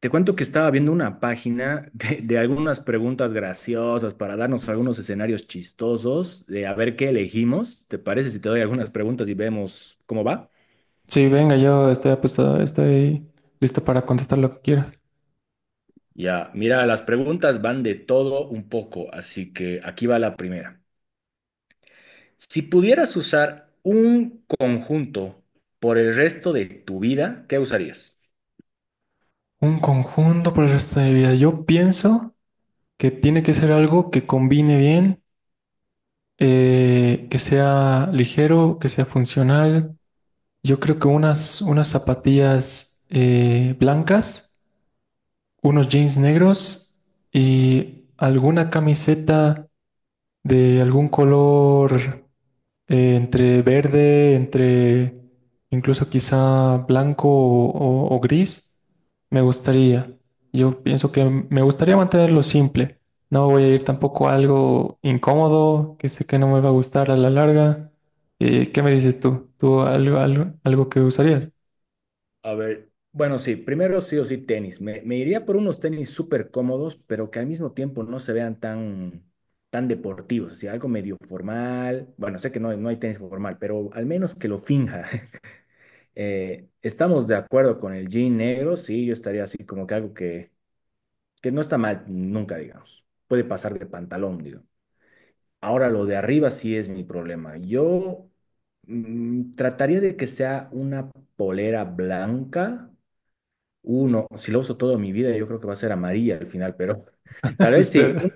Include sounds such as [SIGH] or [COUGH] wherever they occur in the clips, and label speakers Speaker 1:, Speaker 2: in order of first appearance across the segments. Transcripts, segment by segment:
Speaker 1: Te cuento que estaba viendo una página [LAUGHS] de algunas preguntas graciosas para darnos algunos escenarios chistosos de a ver qué elegimos. ¿Te parece si te doy algunas preguntas y vemos cómo va?
Speaker 2: Sí, venga, yo estoy apostado, estoy listo para contestar lo que quieras.
Speaker 1: Ya, mira, las preguntas van de todo un poco, así que aquí va la primera. Si pudieras usar un conjunto por el resto de tu vida, ¿qué usarías?
Speaker 2: Un conjunto por el resto de mi vida. Yo pienso que tiene que ser algo que combine bien, que sea ligero, que sea funcional. Yo creo que unas zapatillas blancas, unos jeans negros y alguna camiseta de algún color. Entre verde, entre incluso quizá blanco o gris, me gustaría. Yo pienso que me gustaría mantenerlo simple. No voy a ir tampoco a algo incómodo, que sé que no me va a gustar a la larga. ¿Qué me dices tú? ¿Tú algo, algo, algo que usarías?
Speaker 1: A ver, bueno, sí, primero sí o sí tenis. Me iría por unos tenis súper cómodos, pero que al mismo tiempo no se vean tan, tan deportivos, así algo medio formal. Bueno, sé que no, no hay tenis formal, pero al menos que lo finja. [LAUGHS] Estamos de acuerdo con el jean negro, sí, yo estaría así como que algo que no está mal nunca, digamos. Puede pasar de pantalón, digo. Ahora lo de arriba sí es mi problema. Yo trataría de que sea una polera blanca uno, si lo uso toda mi vida, yo creo que va a ser amarilla al final, pero [LAUGHS] tal
Speaker 2: [LAUGHS]
Speaker 1: vez sí,
Speaker 2: Espera.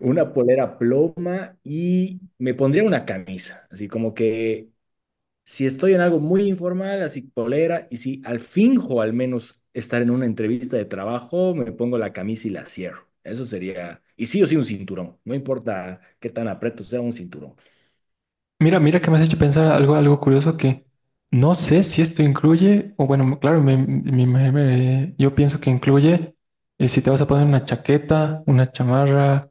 Speaker 1: una polera ploma y me pondría una camisa, así como que si estoy en algo muy informal, así polera, y si al finjo al menos estar en una entrevista de trabajo, me pongo la camisa y la cierro. Eso sería, y sí o sí un cinturón, no importa qué tan aprieto sea un cinturón.
Speaker 2: Mira, mira que me has hecho pensar algo, algo curioso que no sé si esto incluye, o bueno, claro, yo pienso que incluye si te vas a poner una chaqueta, una chamarra,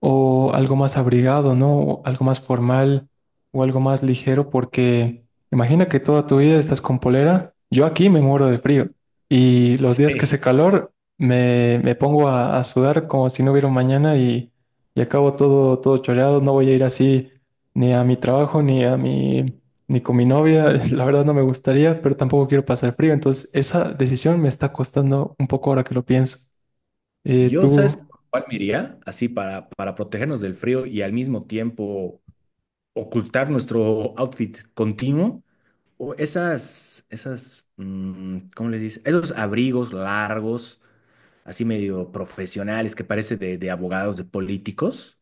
Speaker 2: o algo más abrigado, ¿no? O algo más formal o algo más ligero, porque imagina que toda tu vida estás con polera. Yo aquí me muero de frío y los días que
Speaker 1: Sí.
Speaker 2: hace calor me pongo a sudar como si no hubiera un mañana y acabo todo choreado. No voy a ir así ni a mi trabajo ni a mi... Ni con mi novia, [LAUGHS] la verdad no me gustaría, pero tampoco quiero pasar frío. Entonces, esa decisión me está costando un poco ahora que lo pienso. Eh,
Speaker 1: Yo, ¿sabes
Speaker 2: ¿tú,
Speaker 1: por cuál me iría? Así para protegernos del frío y al mismo tiempo ocultar nuestro outfit continuo o esas, ¿cómo les dice? Esos abrigos largos, así medio profesionales que parece de abogados, de políticos.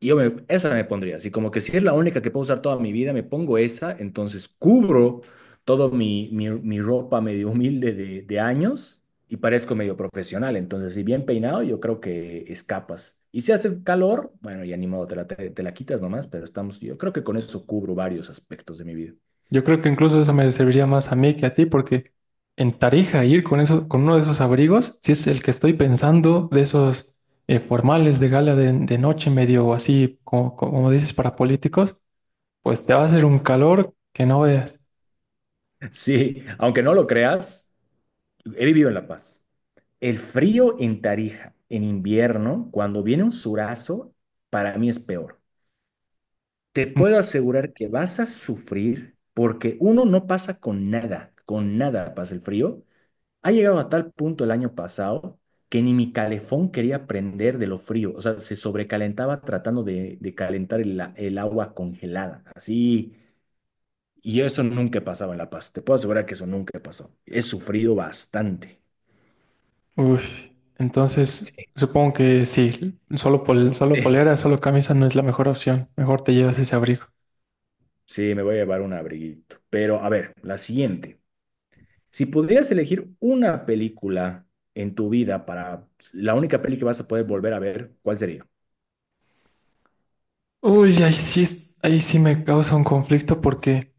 Speaker 1: Y yo esa me pondría, así como que si es la única que puedo usar toda mi vida, me pongo esa, entonces cubro todo mi ropa medio [LAUGHS] humilde de años y parezco medio profesional, entonces si bien peinado yo creo que escapas. Y si hace calor, bueno, ya ni modo, te la quitas nomás, pero estamos, yo creo que con eso cubro varios aspectos de mi vida.
Speaker 2: Yo creo que incluso eso me serviría más a mí que a ti, porque en Tarija ir con eso, con uno de esos abrigos, si es el que estoy pensando, de esos formales de gala de noche medio así, como, como dices, para políticos, pues te va a hacer un calor que no veas.
Speaker 1: [LAUGHS] Sí, aunque no lo creas, he vivido en La Paz. El frío en Tarija, en invierno, cuando viene un surazo, para mí es peor. Te puedo
Speaker 2: Mm,
Speaker 1: asegurar que vas a sufrir porque uno no pasa con nada pasa el frío. Ha llegado a tal punto el año pasado que ni mi calefón quería prender de lo frío, o sea, se sobrecalentaba tratando de calentar el agua congelada, así. Y eso nunca pasaba en La Paz, te puedo asegurar que eso nunca pasó. He sufrido bastante.
Speaker 2: Uy, entonces supongo que sí, solo, solo
Speaker 1: [LAUGHS]
Speaker 2: polera, solo camisa no es la mejor opción. Mejor te llevas ese abrigo.
Speaker 1: Sí, me voy a llevar un abriguito. Pero a ver, la siguiente. Si pudieras elegir una película en tu vida para la única peli que vas a poder volver a ver, ¿cuál sería?
Speaker 2: Uy, ahí sí, ahí sí me causa un conflicto porque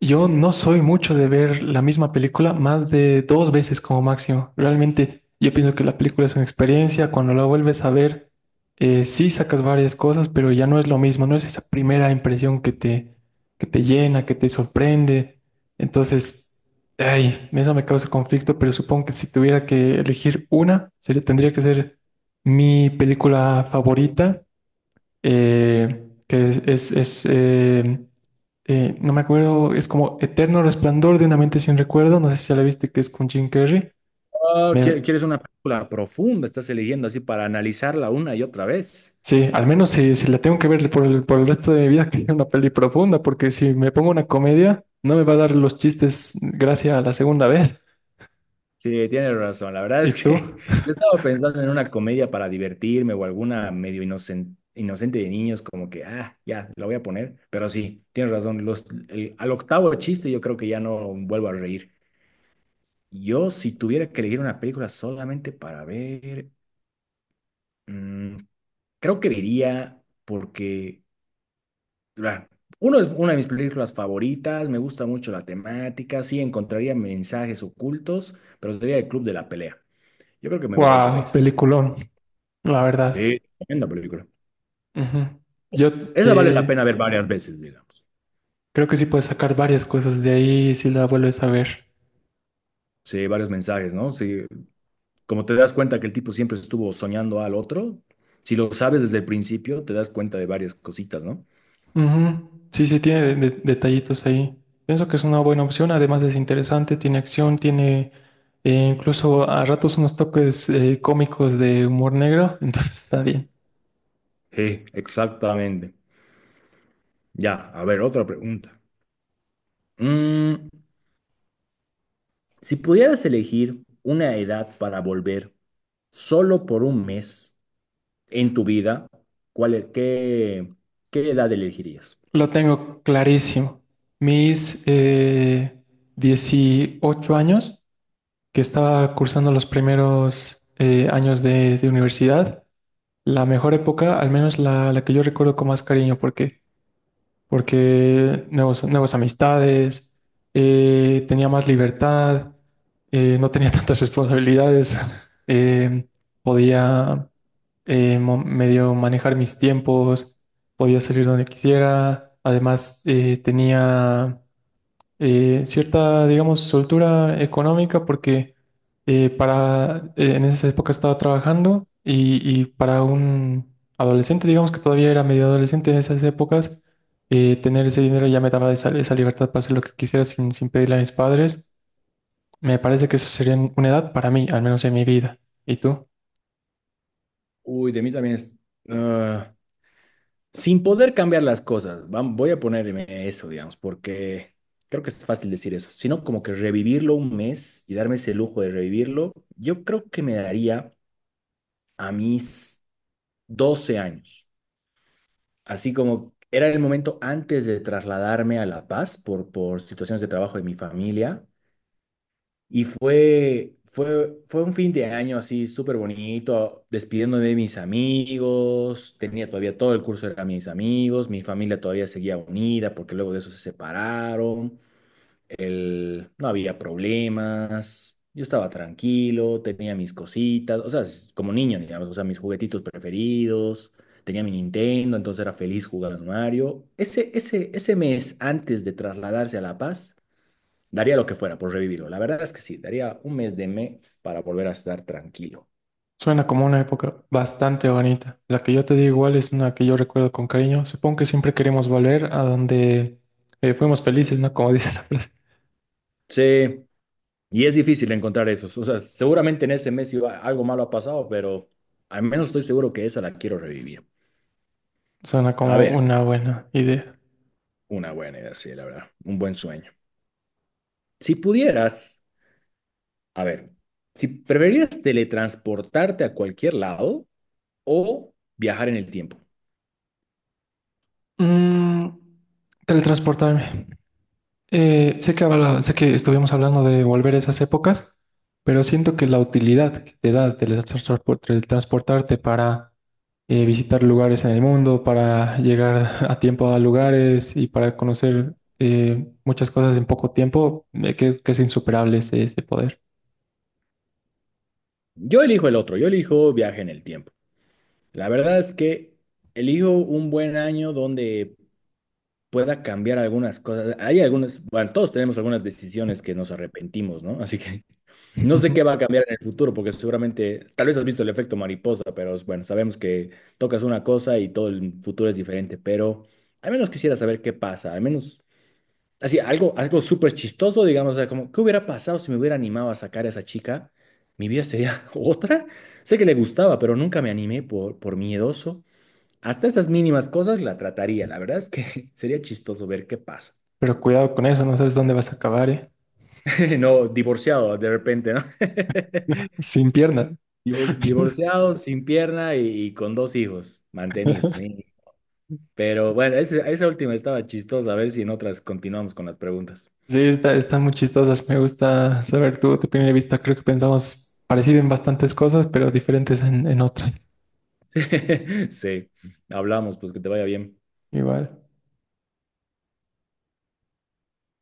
Speaker 2: yo no soy mucho de ver la misma película más de dos veces como máximo. Realmente yo pienso que la película es una experiencia, cuando la vuelves a ver, sí sacas varias cosas, pero ya no es lo mismo, no es esa primera impresión que te llena, que te sorprende. Entonces, ay, eso me causa conflicto, pero supongo que si tuviera que elegir una, sería, tendría que ser mi película favorita que es, no me acuerdo, es como Eterno Resplandor de una mente sin recuerdo, no sé si ya la viste, que es con Jim Carrey.
Speaker 1: Oh, ¿quie-
Speaker 2: Me-
Speaker 1: ¿quieres una película profunda? Estás eligiendo así para analizarla una y otra vez.
Speaker 2: sí, al menos si la tengo que ver por por el resto de mi vida, [LAUGHS] que es una peli profunda, porque si me pongo una comedia, no me va a dar los chistes gracias a la segunda vez.
Speaker 1: Sí, tienes razón. La verdad
Speaker 2: ¿Y
Speaker 1: es que
Speaker 2: tú?
Speaker 1: [LAUGHS]
Speaker 2: [LAUGHS]
Speaker 1: yo estaba pensando en una comedia para divertirme o alguna medio inocente de niños, como que, ah, ya, la voy a poner. Pero sí, tienes razón. Al octavo chiste yo creo que ya no vuelvo a reír. Yo, si tuviera que elegir una película solamente para ver. mm, Creo que diría porque, ah, uno es una de mis películas favoritas, me gusta mucho la temática, sí encontraría mensajes ocultos, pero sería el Club de la Pelea. Yo creo que me voy por
Speaker 2: Wow,
Speaker 1: esa.
Speaker 2: peliculón, la verdad.
Speaker 1: Sí, tremenda película.
Speaker 2: Ujú. Yo
Speaker 1: Esa vale la
Speaker 2: eh,
Speaker 1: pena ver varias veces, digamos.
Speaker 2: creo que sí puedes sacar varias cosas de ahí si la vuelves a ver.
Speaker 1: Sí, varios mensajes, ¿no? Sí, como te das cuenta que el tipo siempre estuvo soñando al otro, si lo sabes desde el principio, te das cuenta de varias cositas, ¿no?
Speaker 2: Ujú. Sí, sí, tiene detallitos ahí. Pienso que es una buena opción, además es interesante, tiene acción, tiene incluso a ratos unos toques cómicos de humor negro, [LAUGHS] entonces está bien.
Speaker 1: Sí, exactamente. Ya, a ver, otra pregunta. Mm, Si pudieras elegir una edad para volver solo por un mes en tu vida, ¿cuál, qué edad elegirías?
Speaker 2: Lo tengo clarísimo. Mis 18 años, que estaba cursando los primeros años de universidad, la mejor época, al menos la que yo recuerdo con más cariño, porque porque nuevas amistades, tenía más libertad, no tenía [LAUGHS] tantas responsabilidades, [LAUGHS] eh, podía medio manejar mis tiempos, podía salir donde quisiera, además tenía cierta, digamos, soltura económica porque en esa época estaba trabajando y para un adolescente, digamos que todavía era medio adolescente en esas épocas, tener ese dinero ya me daba esa libertad para hacer lo que quisiera sin pedirle a mis padres. Me parece que eso sería una edad para mí, al menos en mi vida. ¿Y tú?
Speaker 1: Uy, de mí también es, ah, sin poder cambiar las cosas, voy a ponerme eso, digamos, porque creo que es fácil decir eso, sino como que revivirlo un mes y darme ese lujo de revivirlo, yo creo que me daría a mis 12 años. Así como era el momento antes de trasladarme a La Paz por situaciones de trabajo de mi familia. Y fue un fin de año así súper bonito, despidiéndome de mis amigos. Tenía todavía todo el curso, eran mis amigos, mi familia todavía seguía unida porque luego de eso se separaron, el- no había problemas, yo estaba tranquilo, tenía mis cositas, o sea, como niño, digamos, o sea, mis juguetitos preferidos, tenía mi Nintendo, entonces era feliz jugando Mario. Ese mes antes de trasladarse a La Paz, daría lo que fuera por revivirlo. La verdad es que sí, daría un mes de me para volver a estar tranquilo.
Speaker 2: Suena como una época bastante bonita. La que yo te digo igual es una que yo recuerdo con cariño. Supongo que siempre queremos volver a donde fuimos felices, ¿no? Como [LAUGHS] dices.
Speaker 1: Sí, y es difícil encontrar esos, o sea, seguramente en ese mes iba, algo malo ha pasado, pero al menos estoy seguro que esa la quiero revivir.
Speaker 2: Suena
Speaker 1: A
Speaker 2: como
Speaker 1: ver.
Speaker 2: una buena idea.
Speaker 1: Una buena idea, sí, la verdad. Un buen sueño. Si pudieras, a ver, si preferirías teletransportarte a cualquier lado o viajar en el tiempo.
Speaker 2: Mm, teletransportarme. Sé que estuvimos hablando de volver a esas épocas, pero siento que la utilidad que te da teletransportarte para visitar lugares en el mundo, para llegar a tiempo a lugares y para conocer muchas cosas en poco tiempo, creo que es insuperable ese, ese poder.
Speaker 1: Yo elijo el otro, yo elijo viaje en el tiempo. La verdad es que elijo un buen año donde pueda cambiar algunas cosas. Hay algunas, bueno, todos tenemos algunas decisiones que nos arrepentimos, ¿no? Así que [LAUGHS] no sé qué va a
Speaker 2: [LAUGHS]
Speaker 1: cambiar en el futuro, porque seguramente, tal vez has visto el efecto mariposa, pero bueno, sabemos que tocas una cosa y todo el futuro es diferente, pero al menos quisiera saber qué pasa, al menos, así, algo, algo súper chistoso, digamos, o sea, como, ¿qué hubiera pasado si me hubiera animado a sacar a esa chica? ¿Mi vida sería [LAUGHS] otra? Sé que le gustaba, pero nunca me animé por miedoso. Hasta esas mínimas cosas la trataría. La verdad es que [LAUGHS] sería chistoso ver qué pasa.
Speaker 2: Pero cuidado con eso, no sabes dónde vas a acabar, ¿eh?
Speaker 1: [LAUGHS] No, divorciado de repente, ¿no? [LAUGHS]
Speaker 2: Sin piernas. [LAUGHS]
Speaker 1: Divorciado, sin pierna y con dos hijos mantenidos. Pero bueno, esa última estaba chistosa. A ver si en otras continuamos con las preguntas.
Speaker 2: Sí, está, están muy chistosas. Me gusta saber tu, tu primera vista. Creo que pensamos parecido en bastantes cosas, pero diferentes en otras.
Speaker 1: [LAUGHS] Sí, hablamos, pues que te vaya bien.
Speaker 2: Igual.